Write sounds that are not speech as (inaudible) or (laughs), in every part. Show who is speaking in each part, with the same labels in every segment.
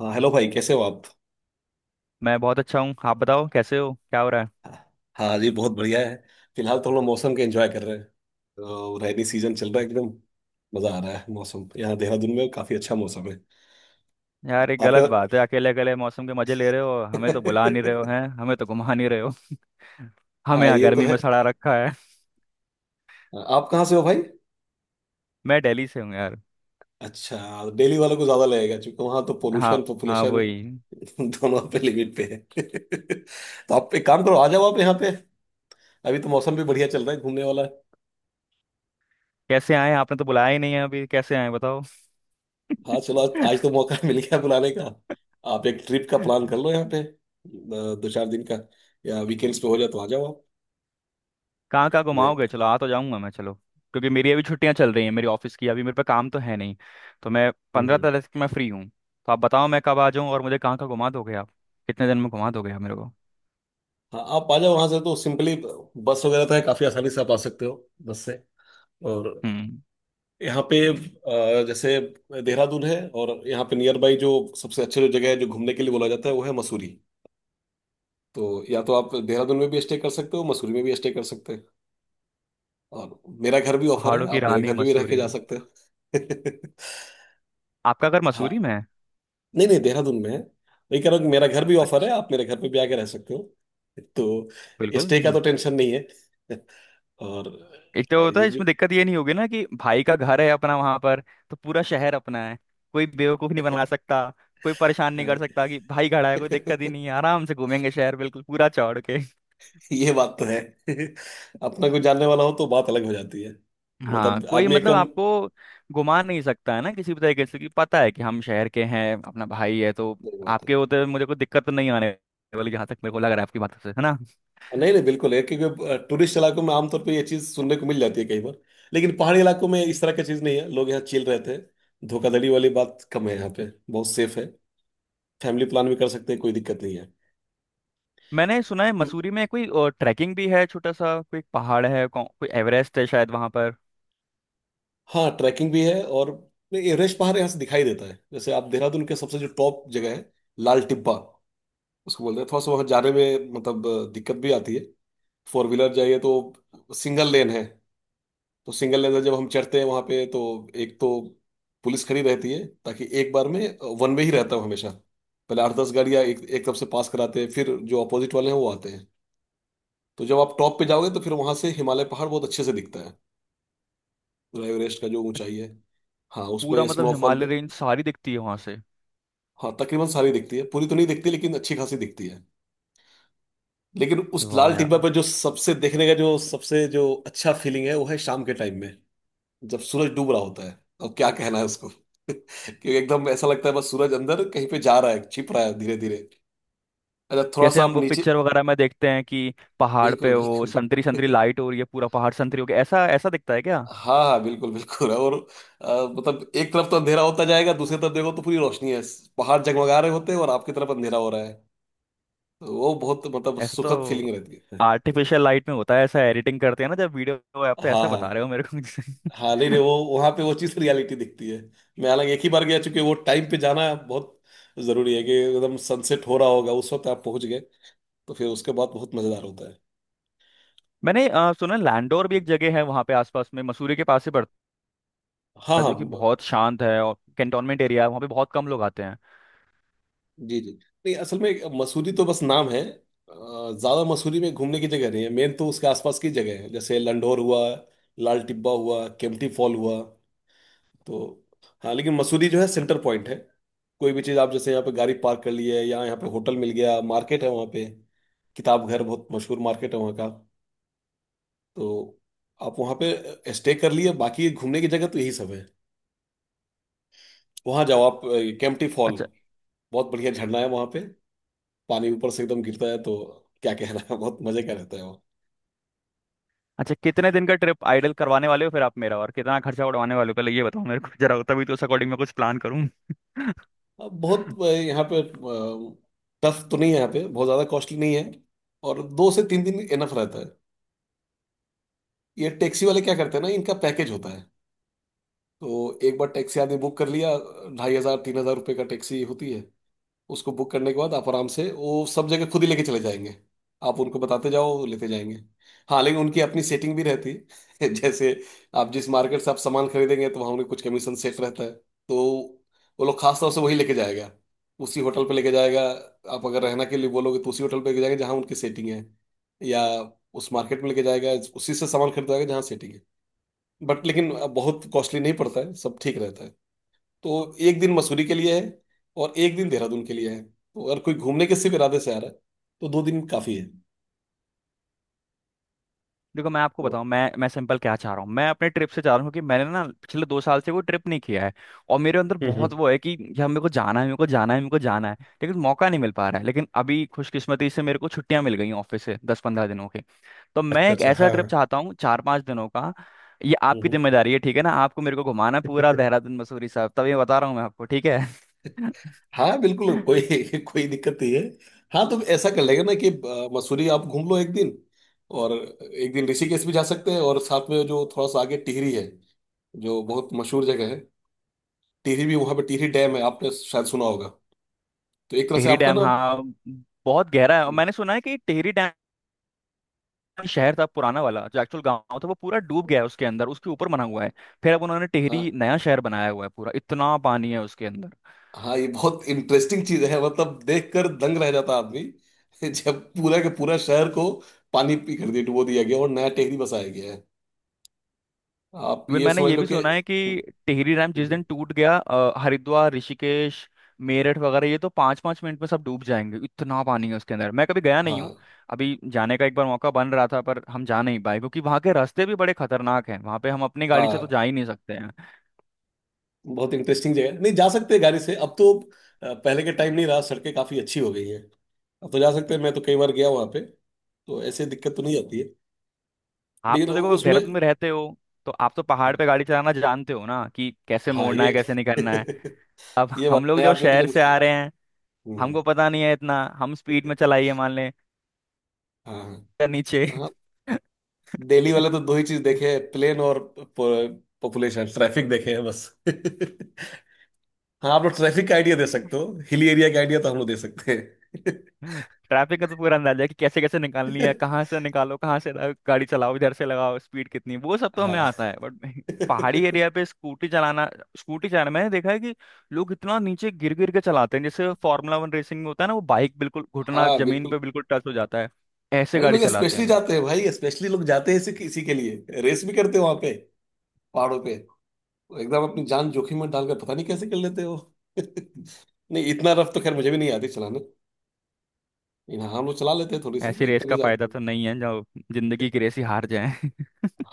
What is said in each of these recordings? Speaker 1: हाँ, हेलो भाई, कैसे हो आप?
Speaker 2: मैं बहुत अच्छा हूँ। आप बताओ, कैसे हो, क्या हो रहा है?
Speaker 1: हाँ जी, बहुत बढ़िया है। फिलहाल तो हम लोग मौसम के एंजॉय कर रहे हैं। तो रेनी सीजन चल रहा है एकदम। मजा आ रहा है। मौसम यहाँ देहरादून में काफी अच्छा मौसम है।
Speaker 2: यार, ये गलत
Speaker 1: आपका।
Speaker 2: बात है, अकेले अकेले मौसम के मजे ले रहे हो, हमें तो बुला नहीं रहे हो, हैं, हमें तो घुमा नहीं रहे हो। (laughs)
Speaker 1: (laughs)
Speaker 2: हमें
Speaker 1: हाँ,
Speaker 2: यहाँ
Speaker 1: ये तो
Speaker 2: गर्मी
Speaker 1: है।
Speaker 2: में सड़ा रखा है।
Speaker 1: आप कहाँ से हो भाई?
Speaker 2: मैं दिल्ली से हूँ यार।
Speaker 1: अच्छा। दिल्ली वालों को ज्यादा लगेगा, क्योंकि वहाँ तो
Speaker 2: हाँ,
Speaker 1: पोल्यूशन,
Speaker 2: हाँ,
Speaker 1: पॉपुलेशन
Speaker 2: वही।
Speaker 1: (laughs) दोनों पे लिमिट पे है। (laughs) तो आप एक काम करो, आ जाओ आप यहाँ पे। अभी तो मौसम भी बढ़िया चल रहा है घूमने वाला।
Speaker 2: कैसे आए? आपने तो बुलाया ही नहीं है, अभी कैसे आए बताओ। (laughs)
Speaker 1: हाँ, चलो। आज तो मौका (laughs) मिल गया बुलाने का। आप एक ट्रिप का प्लान कर लो यहाँ पे 2-4 दिन का। या वीकेंड्स पे हो जाए तो आ जाओ आप।
Speaker 2: कहाँ कहाँ
Speaker 1: मैं।
Speaker 2: घुमाओगे? चलो, आ तो जाऊंगा मैं, चलो, क्योंकि मेरी अभी छुट्टियां चल रही हैं, मेरी ऑफिस की, अभी मेरे पे काम तो है नहीं। तो मैं पंद्रह
Speaker 1: हम्म,
Speaker 2: तारीख तक मैं फ्री हूँ, तो आप बताओ मैं कब आ जाऊँ और मुझे कहाँ कहाँ घुमा दोगे आप? कितने दिन में घुमा दोगे आप मेरे को?
Speaker 1: हाँ, आप आ जाओ। वहां से तो सिंपली बस वगैरह तो है, काफी आसानी से आप आ सकते हो। बस से। और
Speaker 2: हम्म।
Speaker 1: यहाँ पे जैसे देहरादून है, और यहाँ पे नियर बाई जो सबसे अच्छे जो जगह है जो घूमने के लिए बोला जाता है, वो है मसूरी। तो या तो आप देहरादून में भी स्टे कर सकते हो, मसूरी में भी स्टे कर सकते हैं। और मेरा घर भी ऑफर है,
Speaker 2: पहाड़ों की
Speaker 1: आप मेरे
Speaker 2: रानी
Speaker 1: घर पे भी रह के
Speaker 2: मसूरी।
Speaker 1: जा सकते हो।
Speaker 2: आपका घर
Speaker 1: (laughs)
Speaker 2: मसूरी
Speaker 1: हाँ।
Speaker 2: में है?
Speaker 1: नहीं नहीं, देहरादून में है। वही कह रहा हूँ कि मेरा घर भी ऑफर है,
Speaker 2: अच्छा।
Speaker 1: आप मेरे घर पे भी आके रह सकते हो। तो
Speaker 2: बिल्कुल।
Speaker 1: स्टे का तो टेंशन नहीं है। (laughs)
Speaker 2: एक तो
Speaker 1: और
Speaker 2: होता
Speaker 1: ये
Speaker 2: है
Speaker 1: जो।
Speaker 2: इसमें, दिक्कत ये नहीं होगी ना कि भाई का घर है अपना वहां पर, तो पूरा शहर अपना है। कोई बेवकूफ नहीं बना सकता। कोई परेशान नहीं
Speaker 1: हाँ,
Speaker 2: कर सकता
Speaker 1: (laughs)
Speaker 2: कि भाई खड़ा है, कोई दिक्कत ही नहीं है, आराम से घूमेंगे शहर बिल्कुल पूरा चौड़ के।
Speaker 1: ये बात तो है। (laughs) अपना कोई जानने वाला हो तो बात अलग हो जाती है।
Speaker 2: हाँ,
Speaker 1: मतलब
Speaker 2: कोई
Speaker 1: आदमी
Speaker 2: मतलब
Speaker 1: एकदम।
Speaker 2: आपको घुमा नहीं सकता है ना, किसी भी तरीके से, कि पता है कि हम शहर के हैं, अपना भाई है तो।
Speaker 1: सही बात है।
Speaker 2: आपके होते हुए मुझे कोई दिक्कत तो नहीं आने वाली, जहाँ तक मेरे को लग रहा है आपकी बातों से, है ना।
Speaker 1: नहीं नहीं, बिल्कुल है क्योंकि टूरिस्ट इलाकों में आमतौर पे ये चीज़ सुनने को मिल जाती है कई बार। लेकिन पहाड़ी इलाकों में इस तरह की चीज़ नहीं है। लोग यहाँ चिल रहते हैं, धोखाधड़ी वाली बात कम है, यहाँ पे बहुत सेफ है। फैमिली प्लान भी कर सकते हैं, कोई दिक्कत नहीं
Speaker 2: मैंने सुना है
Speaker 1: है।
Speaker 2: मसूरी में कोई ट्रैकिंग भी है, छोटा सा कोई पहाड़ है कोई एवरेस्ट है शायद वहां पर।
Speaker 1: हाँ, ट्रैकिंग भी है और नहीं, एवरेस्ट पहाड़ यहाँ से दिखाई देता है। जैसे आप देहरादून के सबसे जो टॉप जगह है, लाल टिब्बा उसको बोलते हैं। थोड़ा सा वहाँ जाने में मतलब दिक्कत भी आती है। फोर व्हीलर जाइए तो सिंगल लेन है। तो सिंगल लेन से जब हम चढ़ते हैं वहाँ पे, तो एक तो पुलिस खड़ी रहती है, ताकि एक बार में वन वे ही रहता हूँ हमेशा। पहले 8-10 गाड़ियाँ एक एक तरफ से पास कराते हैं, फिर जो अपोजिट वाले हैं वो आते हैं। तो जब आप टॉप पे जाओगे तो फिर वहाँ से हिमालय पहाड़ बहुत अच्छे से दिखता है। पूरा एवरेस्ट का जो ऊंचाई है। हाँ,
Speaker 2: पूरा
Speaker 1: उसमें
Speaker 2: मतलब
Speaker 1: स्नोफॉल।
Speaker 2: हिमालय रेंज सारी दिखती है वहां से?
Speaker 1: हाँ, तकरीबन सारी दिखती है। पूरी तो नहीं दिखती लेकिन अच्छी खासी दिखती है। लेकिन उस
Speaker 2: वाह
Speaker 1: लाल टिब्बा
Speaker 2: यार।
Speaker 1: पर जो सबसे देखने का जो सबसे जो अच्छा फीलिंग है, वो है शाम के टाइम में। जब सूरज डूब रहा होता है, अब क्या कहना है उसको। (laughs) क्योंकि एकदम ऐसा लगता है, बस सूरज अंदर कहीं पे जा रहा है, छिप रहा है धीरे धीरे। अच्छा, थोड़ा
Speaker 2: जैसे
Speaker 1: सा
Speaker 2: हम
Speaker 1: आप
Speaker 2: वो
Speaker 1: नीचे।
Speaker 2: पिक्चर वगैरह में देखते हैं कि पहाड़
Speaker 1: बिल्कुल
Speaker 2: पे वो
Speaker 1: बिल्कुल।
Speaker 2: संतरी संतरी लाइट हो रही है, पूरा पहाड़ संतरी हो गया, ऐसा ऐसा दिखता है क्या?
Speaker 1: (laughs) हाँ हाँ, बिल्कुल बिल्कुल। और मतलब एक तरफ तो अंधेरा होता जाएगा, दूसरी तरफ देखो तो पूरी रोशनी है। पहाड़ जगमगा रहे होते हैं और आपकी तरफ अंधेरा हो रहा है। तो वो बहुत मतलब
Speaker 2: ऐसा
Speaker 1: सुखद
Speaker 2: तो
Speaker 1: फीलिंग रहती है।
Speaker 2: आर्टिफिशियल लाइट में होता है, ऐसा एडिटिंग करते हैं ना जब वीडियो, आप तो
Speaker 1: हाँ
Speaker 2: ऐसा
Speaker 1: हाँ।
Speaker 2: बता रहे हो मेरे को।
Speaker 1: हाँ, नहीं नहीं, वो वहां पे वो चीज रियलिटी दिखती है। मैं हालांकि एक ही बार गया, चूंकि वो टाइम पे जाना बहुत जरूरी है कि एकदम सनसेट हो रहा होगा उस वक्त आप पहुंच गए। तो फिर उसके बाद बहुत मजेदार होता है।
Speaker 2: (laughs) मैंने सुना लैंडोर भी एक जगह है वहाँ पे आसपास में, मसूरी के पास ही पड़ता
Speaker 1: हाँ
Speaker 2: है,
Speaker 1: हाँ।
Speaker 2: जो कि बहुत शांत है और कैंटोनमेंट एरिया है, वहाँ पे बहुत कम लोग आते हैं।
Speaker 1: जी जी। नहीं, असल में मसूरी तो बस नाम है। ज्यादा मसूरी में घूमने की जगह नहीं है, मेन तो उसके आसपास की जगह है। जैसे लंढोर हुआ, लाल टिब्बा हुआ, केम्प्टी फॉल हुआ। तो हाँ, लेकिन मसूरी जो है सेंटर पॉइंट है। कोई भी चीज़ आप जैसे यहाँ पे गाड़ी पार्क कर ली है, या यहाँ पे होटल मिल गया, मार्केट है वहाँ पे। किताब घर बहुत मशहूर मार्केट है वहाँ का। तो आप वहाँ पे स्टे कर लिए, बाकी घूमने की जगह तो यही सब है। वहाँ जाओ आप। केम्प्टी फॉल
Speaker 2: अच्छा।
Speaker 1: बहुत बढ़िया झरना है वहाँ पे। पानी ऊपर से एकदम गिरता है, तो क्या कहना है। (laughs) बहुत मजे का रहता है वो।
Speaker 2: अच्छा, कितने दिन का ट्रिप आइडल करवाने वाले हो फिर आप, मेरा और कितना खर्चा उड़वाने वाले हो, पहले ये बताओ मेरे को जरा, तभी तो उस अकॉर्डिंग मैं कुछ प्लान करूँ। (laughs)
Speaker 1: अब बहुत यहाँ पे टफ तो नहीं है, यहाँ पे बहुत ज़्यादा कॉस्टली नहीं है। और 2 से 3 दिन इनफ रहता है। ये टैक्सी वाले क्या करते हैं ना, इनका पैकेज होता है। तो एक बार टैक्सी आदमी बुक कर लिया, ₹2,500-3,000 का टैक्सी होती है। उसको बुक करने के बाद आप आराम से वो सब जगह खुद ही लेके चले जाएंगे। आप उनको बताते जाओ, वो लेते जाएंगे। हाँ, लेकिन उनकी अपनी सेटिंग भी रहती है। (laughs) जैसे आप जिस मार्केट से आप सामान खरीदेंगे, तो वहाँ उनके कुछ कमीशन सेट रहता है। तो वो लोग खास तौर से वही लेके जाएगा, उसी होटल पे लेके जाएगा। आप अगर रहना के लिए बोलोगे तो उसी होटल पे लेके जाएंगे, जहाँ उनकी सेटिंग है। या उस मार्केट में लेके जाएगा, उसी से सामान खरीदवाएगा जहाँ सेटिंग है। बट लेकिन बहुत कॉस्टली नहीं पड़ता है, सब ठीक रहता है। तो एक दिन मसूरी के लिए है, और एक दिन देहरादून के लिए है। तो अगर कोई घूमने के सिर्फ इरादे से आ रहा है, तो 2 दिन काफी है।
Speaker 2: देखो मैं आपको
Speaker 1: तो
Speaker 2: बताऊं, मैं सिंपल क्या चाह रहा हूँ, मैं अपने ट्रिप से चाह रहा हूँ, क्योंकि मैंने ना पिछले 2 साल से वो ट्रिप नहीं किया है, और मेरे अंदर बहुत वो
Speaker 1: हम्म।
Speaker 2: है कि यार मेरे को जाना है, मेरे को जाना है, मेरे को जाना है, लेकिन मौका नहीं मिल पा रहा है। लेकिन अभी खुशकिस्मती से मेरे को छुट्टियां मिल गई ऑफिस से, 10-15 दिनों के। तो मैं
Speaker 1: अच्छा
Speaker 2: एक
Speaker 1: अच्छा,
Speaker 2: ऐसा
Speaker 1: हाँ
Speaker 2: ट्रिप
Speaker 1: हाँ,
Speaker 2: चाहता हूँ 4-5 दिनों का। ये आपकी
Speaker 1: हम्म
Speaker 2: जिम्मेदारी है, ठीक है ना, आपको मेरे को घुमाना है पूरा
Speaker 1: हम्म।
Speaker 2: देहरादून मसूरी साहब, तब ये बता रहा हूँ मैं आपको, ठीक है। (laughs)
Speaker 1: (laughs) हाँ, बिल्कुल। कोई
Speaker 2: टेहरी
Speaker 1: (laughs) कोई दिक्कत नहीं है। हाँ, तो ऐसा कर लेगा ना कि मसूरी आप घूम लो एक दिन। और एक दिन ऋषिकेश भी जा सकते हैं, और साथ में जो थोड़ा सा आगे टिहरी है, जो बहुत मशहूर जगह है। टिहरी भी, वहाँ पे टिहरी डैम है, आपने शायद सुना होगा। तो एक तरह से आपका
Speaker 2: डैम,
Speaker 1: ना
Speaker 2: हाँ, बहुत गहरा है। और मैंने सुना है कि टेहरी डैम शहर था पुराना वाला, जो एक्चुअल गांव था वो पूरा डूब गया है उसके अंदर, उसके ऊपर बना हुआ है। फिर अब उन्होंने
Speaker 1: हाँ
Speaker 2: टेहरी नया शहर बनाया हुआ है, पूरा इतना पानी है उसके अंदर।
Speaker 1: हाँ, ये बहुत इंटरेस्टिंग चीज है, मतलब देखकर दंग रह जाता आदमी। (laughs) जब पूरा के पूरा शहर को पानी पी कर दिया, डुबो दिया गया, और नया टेहरी बसाया गया है। आप
Speaker 2: इवन
Speaker 1: ये
Speaker 2: मैंने
Speaker 1: समझ
Speaker 2: ये
Speaker 1: लो
Speaker 2: भी
Speaker 1: कि
Speaker 2: सुना है कि
Speaker 1: हम्म,
Speaker 2: टिहरी डैम जिस
Speaker 1: हम्म,
Speaker 2: दिन टूट गया, हरिद्वार ऋषिकेश मेरठ वगैरह ये तो 5-5 मिनट में सब डूब जाएंगे, इतना पानी है उसके अंदर। मैं कभी गया नहीं हूँ,
Speaker 1: हाँ
Speaker 2: अभी जाने का एक बार मौका बन रहा था पर हम जा नहीं पाए, क्योंकि वहाँ के रास्ते भी बड़े खतरनाक हैं, वहाँ पे हम अपनी गाड़ी से तो
Speaker 1: हाँ,
Speaker 2: जा ही नहीं सकते हैं।
Speaker 1: बहुत इंटरेस्टिंग जगह है। नहीं जा सकते हैं गाड़ी से अब तो पहले के टाइम नहीं रहा, सड़कें काफी अच्छी हो गई हैं। अब तो जा सकते हैं, मैं तो कई बार गया वहां पे। तो ऐसे दिक्कत तो नहीं आती है।
Speaker 2: आप
Speaker 1: लेकिन
Speaker 2: तो देखो अब
Speaker 1: उसमें
Speaker 2: देहरादून में रहते हो, तो आप तो पहाड़
Speaker 1: हाँ
Speaker 2: पे गाड़ी चलाना जानते हो ना, कि कैसे
Speaker 1: हाँ,
Speaker 2: मोड़ना है,
Speaker 1: ये
Speaker 2: कैसे नहीं करना है।
Speaker 1: (laughs)
Speaker 2: अब
Speaker 1: ये बात
Speaker 2: हम लोग
Speaker 1: नए
Speaker 2: जो
Speaker 1: आदमी के लिए
Speaker 2: शहर से
Speaker 1: मुश्किल।
Speaker 2: आ रहे हैं,
Speaker 1: हम्म,
Speaker 2: हमको
Speaker 1: हम्म,
Speaker 2: पता नहीं है इतना, हम स्पीड में चलाइए मान लें
Speaker 1: हाँ
Speaker 2: या नीचे।
Speaker 1: हाँ, दिल्ली वाले
Speaker 2: (laughs)
Speaker 1: तो दो ही चीज देखे हैं, प्लेन और पॉपुलेशन, ट्रैफिक देखे हैं बस। (laughs) हाँ, आप लोग ट्रैफिक का आइडिया दे सकते हो, हिली एरिया का आइडिया तो हम लोग दे सकते हैं।
Speaker 2: ट्रैफिक का तो पूरा अंदाजा है कि कैसे कैसे निकालनी है, कहाँ से निकालो, कहाँ से गाड़ी चलाओ, इधर से लगाओ, स्पीड कितनी, वो सब
Speaker 1: (laughs)
Speaker 2: तो हमें
Speaker 1: हाँ (laughs)
Speaker 2: आता है, बट (laughs) पहाड़ी एरिया पे स्कूटी चलाना, स्कूटी चलाना मैंने देखा है कि लोग इतना नीचे गिर गिर के चलाते हैं, जैसे फॉर्मूला 1 रेसिंग में होता है ना वो, बाइक बिल्कुल, घुटना
Speaker 1: हाँ,
Speaker 2: जमीन पे
Speaker 1: बिल्कुल।
Speaker 2: बिल्कुल टच हो जाता है, ऐसे
Speaker 1: अरे,
Speaker 2: गाड़ी
Speaker 1: लोग
Speaker 2: चलाते
Speaker 1: स्पेशली
Speaker 2: हैं।
Speaker 1: जाते हैं भाई, स्पेशली लोग जाते हैं इसी इसी के लिए, रेस भी करते हो वहां पे, पहाड़ों पे। एकदम अपनी जान जोखिम में डालकर पता नहीं कैसे कर लेते हो। (laughs) नहीं, इतना रफ तो खैर मुझे भी नहीं आती चलाने। हाँ, हम लोग चला लेते हैं थोड़ी सी,
Speaker 2: ऐसी
Speaker 1: नहीं,
Speaker 2: रेस
Speaker 1: इतना भी
Speaker 2: का
Speaker 1: ज्यादा
Speaker 2: फायदा
Speaker 1: नहीं।
Speaker 2: तो नहीं है, जो जिंदगी की रेस ही हार जाए।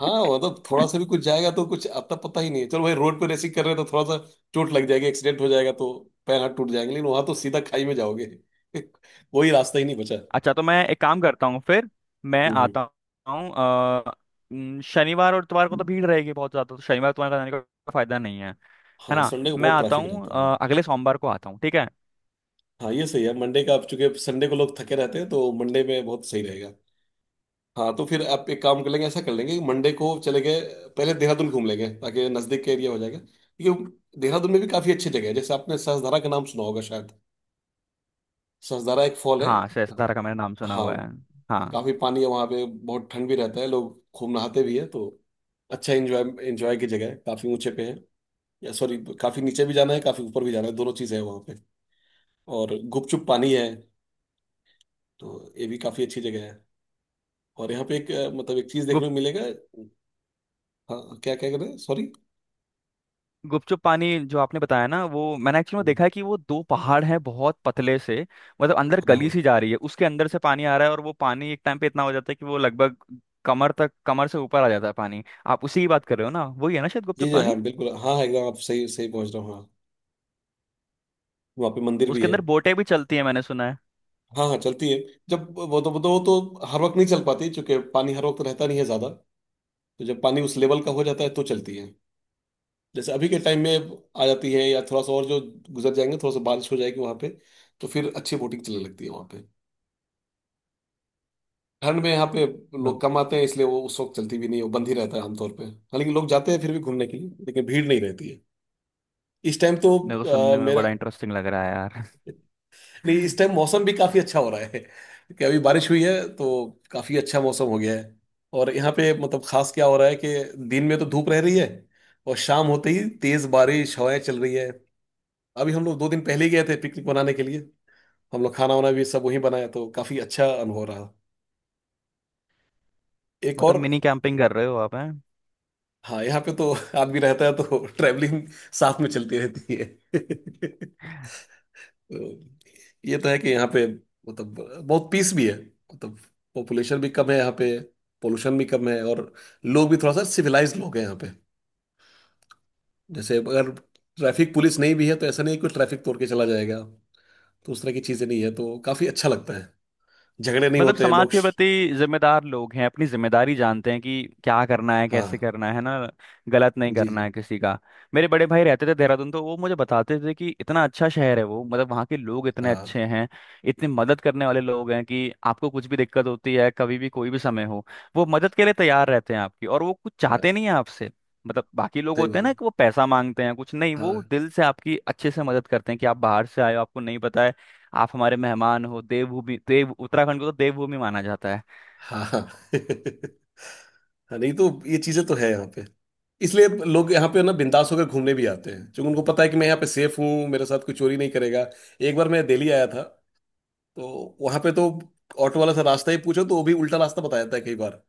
Speaker 1: हाँ, मतलब थोड़ा सा भी कुछ जाएगा तो कुछ आता पता ही नहीं है। चलो भाई, रोड पे रेसिंग कर रहे हैं तो थोड़ा सा चोट लग जाएगी, एक्सीडेंट हो जाएगा, तो पैर हाथ टूट जाएंगे, लेकिन वहां तो सीधा खाई में जाओगे। (laughs) कोई रास्ता ही नहीं बचा।
Speaker 2: अच्छा, तो मैं एक काम करता हूँ फिर, मैं
Speaker 1: हम्म
Speaker 2: आता हूँ शनिवार और इतवार को तो
Speaker 1: हम्म।
Speaker 2: भीड़ रहेगी बहुत ज़्यादा, तो शनिवार तुम्हारे जाने का फायदा नहीं है, है
Speaker 1: हाँ,
Speaker 2: ना।
Speaker 1: संडे को
Speaker 2: मैं
Speaker 1: बहुत
Speaker 2: आता
Speaker 1: ट्रैफिक
Speaker 2: हूँ
Speaker 1: रहता है।
Speaker 2: अगले सोमवार को आता हूँ, ठीक है।
Speaker 1: हाँ, ये सही है मंडे का। आप चूंकि संडे को लोग थके रहते हैं तो मंडे में बहुत सही रहेगा। हाँ, तो फिर आप एक काम कर लेंगे, ऐसा कर लेंगे कि मंडे को चले गए, पहले देहरादून घूम लेंगे, ताकि नज़दीक का एरिया हो जाएगा। क्योंकि देहरादून में भी काफ़ी अच्छी जगह है, जैसे आपने सहस्त्रधारा का नाम सुना होगा शायद। सहस्त्रधारा एक फॉल है।
Speaker 2: हाँ श्रेय सतारा का मैंने नाम सुना
Speaker 1: हाँ,
Speaker 2: हुआ है, हाँ।
Speaker 1: काफी पानी है वहां पे, बहुत ठंड भी रहता है, लोग खूब नहाते भी है। तो अच्छा एंजॉय, एंजॉय की जगह है, काफी ऊंचे पे है। या सॉरी, काफी नीचे भी जाना है, काफी ऊपर भी जाना है, दोनों चीजें हैं वहां पे। और गुपचुप पानी है, तो ये भी काफी अच्छी जगह है। और यहाँ पे एक मतलब एक चीज
Speaker 2: गुप
Speaker 1: देखने को मिलेगा। हाँ, क्या क्या कर रहे हैं, सॉरी?
Speaker 2: गुपचुप पानी जो आपने बताया ना, वो मैंने एक्चुअली में
Speaker 1: हाँ
Speaker 2: देखा है, कि वो दो पहाड़ हैं बहुत पतले से, मतलब अंदर गली
Speaker 1: हाँ,
Speaker 2: सी जा रही है, उसके अंदर से पानी आ रहा है, और वो पानी एक टाइम पे इतना हो जाता है कि वो लगभग कमर तक, कमर से ऊपर आ जाता है पानी। आप उसी की बात कर रहे हो ना, वही है ना शायद
Speaker 1: जी
Speaker 2: गुपचुप
Speaker 1: जी, हाँ
Speaker 2: पानी?
Speaker 1: बिल्कुल, हाँ हाँ, एकदम आप सही सही पहुंच रहे हो हाँ। वहाँ पे मंदिर भी
Speaker 2: उसके
Speaker 1: है।
Speaker 2: अंदर बोटें भी चलती हैं मैंने सुना है।
Speaker 1: हाँ हाँ, चलती है। जब वो तो हर वक्त नहीं चल पाती, क्योंकि पानी हर वक्त रहता नहीं है ज्यादा। तो जब पानी उस लेवल का हो जाता है तो चलती है। जैसे अभी के टाइम में आ जाती है, या थोड़ा सा और जो गुजर जाएंगे, थोड़ा सा बारिश हो जाएगी वहां पे, तो फिर अच्छी बोटिंग चलने लगती है वहां पे। ठंड में यहाँ पे
Speaker 2: मे-
Speaker 1: लोग कम आते हैं, इसलिए वो उस वक्त चलती भी नहीं है, वो बंद ही रहता है आमतौर पे। हालांकि लोग जाते हैं फिर भी घूमने के लिए, लेकिन भीड़ नहीं रहती है इस टाइम तो
Speaker 2: मेरे को सुनने में
Speaker 1: मेरा
Speaker 2: बड़ा इंटरेस्टिंग लग रहा है यार।
Speaker 1: नहीं इस
Speaker 2: (laughs)
Speaker 1: टाइम मौसम भी काफी अच्छा हो रहा है (laughs) कि अभी बारिश हुई है तो काफी अच्छा मौसम हो गया है। और यहाँ पे मतलब खास क्या हो रहा है कि दिन में तो धूप रह रही है और शाम होते ही तेज बारिश हवाएं चल रही है। अभी हम लोग दो दिन पहले ही गए थे पिकनिक मनाने के लिए। हम लोग खाना वाना भी सब वहीं बनाया तो काफी अच्छा अनुभव रहा। एक
Speaker 2: मतलब
Speaker 1: और।
Speaker 2: मिनी कैंपिंग कर रहे हो आप, हैं?
Speaker 1: हाँ यहाँ पे तो (laughs) आदमी रहता है तो ट्रैवलिंग साथ में चलती रहती है (laughs) तो ये तो है कि यहाँ पे मतलब बहुत पीस भी है। मतलब पॉपुलेशन भी कम है यहाँ पे, पोल्यूशन भी कम है और लोग भी थोड़ा सा सिविलाइज लोग हैं यहाँ पे। जैसे अगर ट्रैफिक पुलिस नहीं भी है तो ऐसा नहीं है कि ट्रैफिक तोड़ के चला जाएगा। तो उस तरह की चीजें नहीं है तो काफी अच्छा लगता है। झगड़े नहीं
Speaker 2: मतलब
Speaker 1: होते
Speaker 2: समाज
Speaker 1: लोग।
Speaker 2: के प्रति जिम्मेदार लोग हैं, अपनी जिम्मेदारी जानते हैं कि क्या करना है, कैसे
Speaker 1: हाँ।
Speaker 2: करना है ना। गलत नहीं
Speaker 1: जी
Speaker 2: करना
Speaker 1: जी।
Speaker 2: है किसी का। मेरे बड़े भाई रहते थे देहरादून, तो वो मुझे बताते थे कि इतना अच्छा शहर है वो, मतलब वहाँ के लोग इतने
Speaker 1: हाँ
Speaker 2: अच्छे हैं, इतने मदद करने वाले लोग हैं, कि आपको कुछ भी दिक्कत होती है, कभी भी कोई भी समय हो, वो मदद के लिए तैयार रहते हैं आपकी, और वो कुछ
Speaker 1: हाँ,
Speaker 2: चाहते नहीं है आपसे। मतलब बाकी लोग
Speaker 1: सही
Speaker 2: होते हैं
Speaker 1: बात।
Speaker 2: ना, कि वो पैसा मांगते हैं, कुछ नहीं, वो
Speaker 1: हाँ
Speaker 2: दिल से आपकी अच्छे से मदद करते हैं कि आप बाहर से आए हो, आपको नहीं पता है, आप हमारे मेहमान हो। देवभूमि, देव, उत्तराखंड को तो देवभूमि माना जाता है।
Speaker 1: हाँ हाँ (laughs) हाँ, नहीं तो ये चीजें तो है यहाँ पे। इसलिए लोग यहाँ पे ना बिंदास होकर घूमने भी आते हैं क्योंकि उनको पता है कि मैं यहाँ पे सेफ हूँ, मेरे साथ कोई चोरी नहीं करेगा। एक बार मैं दिल्ली आया था तो वहां पे तो ऑटो वाला से रास्ता ही पूछो तो वो भी उल्टा रास्ता बता देता है कई बार।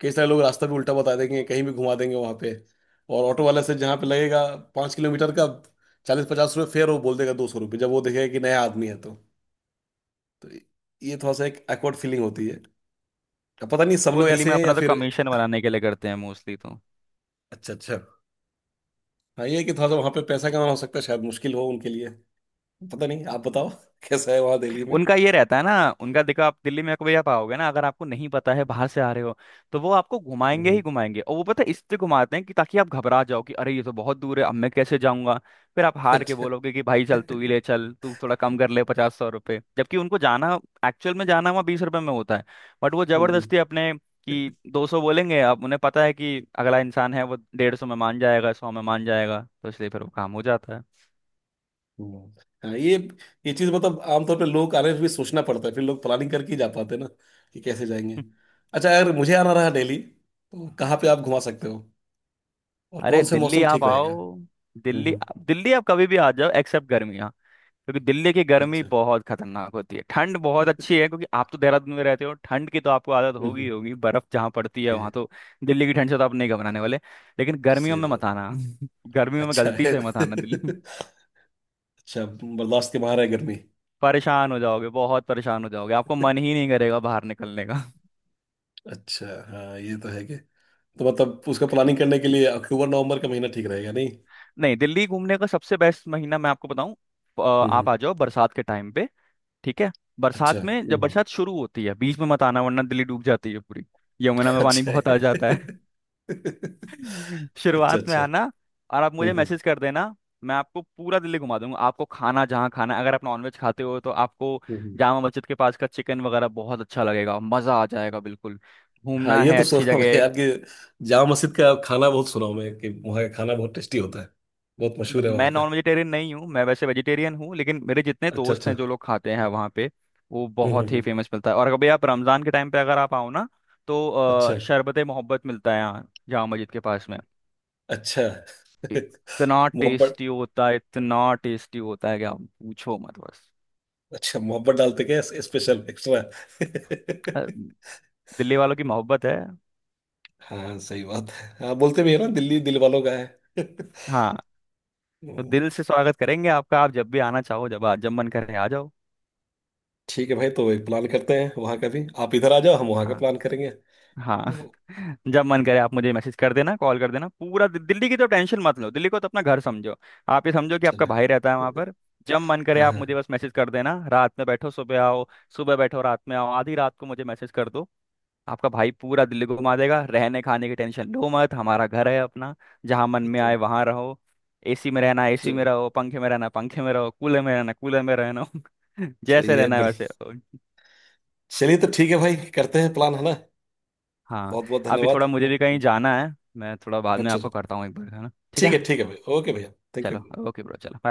Speaker 1: कई सारे लोग रास्ता भी उल्टा बता देंगे, कहीं भी घुमा देंगे वहां पे। और ऑटो वाले से जहाँ पे लगेगा 5 किलोमीटर का चालीस पचास रुपये फेयर, वो बोल देगा 200 रुपये जब वो देखेगा कि नया आदमी है तो ये थोड़ा सा एक एक्वर्ड फीलिंग होती है। अब पता नहीं सब
Speaker 2: वो
Speaker 1: लोग
Speaker 2: दिल्ली में
Speaker 1: ऐसे हैं या
Speaker 2: अपना तो
Speaker 1: फिर।
Speaker 2: कमीशन बनाने के लिए करते हैं मोस्टली, तो
Speaker 1: अच्छा अच्छा। हाँ ये है कि थोड़ा सा वहां पे पैसा कमाना हो सकता है शायद मुश्किल हो उनके लिए। पता नहीं आप बताओ (laughs) कैसा है वहां दिल्ली में।
Speaker 2: उनका ये रहता है ना। उनका देखो, आप दिल्ली में कभी आप आओगे ना, अगर आपको नहीं पता है, बाहर से आ रहे हो, तो वो आपको घुमाएंगे ही
Speaker 1: हम्म
Speaker 2: घुमाएंगे, और वो पता है इससे घुमाते हैं कि ताकि आप घबरा जाओ कि अरे ये तो बहुत दूर है, अब मैं कैसे जाऊंगा। फिर आप
Speaker 1: (laughs)
Speaker 2: हार के
Speaker 1: अच्छा।
Speaker 2: बोलोगे कि भाई चल तू ही
Speaker 1: हम्म।
Speaker 2: ले चल, तू थोड़ा कम कर ले, 50-100 रुपये, जबकि उनको जाना, एक्चुअल में जाना वहाँ 20 रुपये में होता है, बट वो जबरदस्ती अपने, कि 200 बोलेंगे, अब उन्हें पता है कि अगला इंसान है वो 150 में मान जाएगा, 100 में मान जाएगा, तो इसलिए फिर वो काम हो जाता है।
Speaker 1: हम्म। (laughs) हाँ ये चीज मतलब आमतौर पे लोग आने में भी सोचना पड़ता है, फिर लोग प्लानिंग करके ही जा पाते हैं ना कि कैसे जाएंगे। अच्छा अगर मुझे आना रहा दिल्ली तो कहाँ पे आप घुमा सकते हो और
Speaker 2: अरे
Speaker 1: कौन से
Speaker 2: दिल्ली
Speaker 1: मौसम
Speaker 2: आप
Speaker 1: ठीक रहेगा?
Speaker 2: आओ। दिल्ली,
Speaker 1: हम्म।
Speaker 2: दिल्ली आप कभी भी आ जाओ एक्सेप्ट गर्मियाँ, क्योंकि दिल्ली की गर्मी
Speaker 1: अच्छा।
Speaker 2: बहुत खतरनाक होती है। ठंड बहुत अच्छी है, क्योंकि आप तो देहरादून में रहते हो, ठंड की तो आपको आदत होगी ही
Speaker 1: हम्म (laughs)
Speaker 2: होगी, बर्फ जहाँ पड़ती है
Speaker 1: जी जी।
Speaker 2: वहां तो। दिल्ली की ठंड से तो आप नहीं घबराने वाले, लेकिन गर्मियों
Speaker 1: सही
Speaker 2: में
Speaker 1: बात।
Speaker 2: मत आना। (laughs) गर्मियों में
Speaker 1: अच्छा
Speaker 2: गलती
Speaker 1: है
Speaker 2: से मत आना
Speaker 1: (laughs)
Speaker 2: दिल्ली,
Speaker 1: अच्छा। बर्दाश्त के बाहर है गर्मी।
Speaker 2: परेशान हो जाओगे, बहुत परेशान हो जाओगे, आपको मन
Speaker 1: (laughs)
Speaker 2: ही नहीं करेगा बाहर निकलने का।
Speaker 1: अच्छा। हाँ ये तो है कि तो मतलब उसका प्लानिंग करने के लिए अक्टूबर नवंबर का महीना ठीक रहेगा नहीं?
Speaker 2: (laughs) नहीं, दिल्ली घूमने का सबसे बेस्ट महीना मैं आपको बताऊं,
Speaker 1: हम्म हम्म,
Speaker 2: आप आ जाओ बरसात के टाइम पे, ठीक है। बरसात
Speaker 1: अच्छा।
Speaker 2: में, जब
Speaker 1: हम्म।
Speaker 2: बरसात शुरू होती है, बीच में मत आना, वरना दिल्ली डूब जाती है पूरी, यमुना में पानी
Speaker 1: अच्छा
Speaker 2: बहुत आ जाता है।
Speaker 1: है (laughs)
Speaker 2: (laughs)
Speaker 1: अच्छा
Speaker 2: शुरुआत में
Speaker 1: अच्छा।
Speaker 2: आना, और आप
Speaker 1: हम्म
Speaker 2: मुझे
Speaker 1: हम्म
Speaker 2: मैसेज कर देना, मैं आपको पूरा दिल्ली घुमा दूंगा। आपको खाना जहाँ खाना है, अगर आप नॉनवेज खाते हो तो आपको
Speaker 1: हम्म।
Speaker 2: जामा मस्जिद के पास का चिकन वगैरह बहुत अच्छा लगेगा, मज़ा आ जाएगा बिल्कुल।
Speaker 1: हाँ
Speaker 2: घूमना
Speaker 1: ये
Speaker 2: है
Speaker 1: तो
Speaker 2: अच्छी
Speaker 1: सुना मैं
Speaker 2: जगह।
Speaker 1: यार कि जामा मस्जिद का खाना बहुत सुना हूं मैं कि वहाँ का खाना बहुत टेस्टी होता है। बहुत मशहूर है वहाँ
Speaker 2: मैं
Speaker 1: का।
Speaker 2: नॉन वेजिटेरियन नहीं हूँ, मैं वैसे वेजिटेरियन हूँ, लेकिन मेरे जितने
Speaker 1: अच्छा
Speaker 2: दोस्त
Speaker 1: अच्छा।
Speaker 2: हैं जो लोग खाते हैं वहाँ पे, वो
Speaker 1: हम्म हम्म
Speaker 2: बहुत ही
Speaker 1: हम्म।
Speaker 2: फेमस मिलता है। और कभी आप रमज़ान के टाइम पे अगर आप आओ ना, तो
Speaker 1: अच्छा
Speaker 2: शरबत मोहब्बत मिलता है यहाँ जामा मस्जिद के पास में,
Speaker 1: अच्छा (laughs)
Speaker 2: इतना
Speaker 1: मोहब्बत।
Speaker 2: टेस्टी होता है, इतना टेस्टी होता है कि आप पूछो मत बस।
Speaker 1: अच्छा मोहब्बत डालते क्या स्पेशल एक्स्ट्रा?
Speaker 2: अ,
Speaker 1: (laughs)
Speaker 2: दिल्ली वालों की मोहब्बत है।
Speaker 1: हाँ सही बात है। हाँ बोलते भी है ना दिल्ली दिल वालों का है (laughs)
Speaker 2: हाँ। तो
Speaker 1: हम्म,
Speaker 2: दिल से स्वागत करेंगे आपका, आप जब भी आना चाहो, जब जब मन करे आ जाओ।
Speaker 1: ठीक है भाई तो एक प्लान करते हैं वहां का भी, आप इधर आ जाओ हम वहां का
Speaker 2: हाँ।
Speaker 1: प्लान करेंगे
Speaker 2: हाँ।
Speaker 1: तो।
Speaker 2: (laughs) जब मन करे आप मुझे मैसेज कर देना, कॉल कर देना, पूरा दिल्ली की तो टेंशन मत लो, दिल्ली को तो अपना घर समझो। आप ये समझो कि आपका
Speaker 1: चलो।
Speaker 2: भाई रहता है वहां पर। जब मन करे
Speaker 1: हाँ
Speaker 2: आप मुझे
Speaker 1: हाँ।
Speaker 2: बस मैसेज कर देना, रात में बैठो सुबह आओ, सुबह बैठो रात में आओ, आधी रात को मुझे मैसेज कर दो, आपका भाई पूरा दिल्ली को घुमा देगा। रहने खाने की टेंशन लो मत, हमारा घर है अपना, जहाँ मन में आए
Speaker 1: चलो।
Speaker 2: वहां रहो। एसी में रहना एसी में
Speaker 1: चलो
Speaker 2: रहो, पंखे में रहना पंखे में रहो, कूलर में रहना कूलर में रहना, (laughs)
Speaker 1: चलो,
Speaker 2: जैसे
Speaker 1: ये
Speaker 2: रहना है
Speaker 1: बड़ी।
Speaker 2: वैसे।
Speaker 1: चलिए तो ठीक है भाई, करते हैं प्लान, है ना।
Speaker 2: हाँ,
Speaker 1: बहुत बहुत
Speaker 2: अभी
Speaker 1: धन्यवाद,
Speaker 2: थोड़ा
Speaker 1: है ना।
Speaker 2: मुझे भी कहीं जाना है, मैं थोड़ा बाद
Speaker 1: अच्छा
Speaker 2: में आपको
Speaker 1: चलो।
Speaker 2: करता हूँ एक बार, है ना, ठीक है।
Speaker 1: ठीक है भाई ओके भैया थैंक
Speaker 2: चलो,
Speaker 1: यू।
Speaker 2: ओके ब्रो, चलो।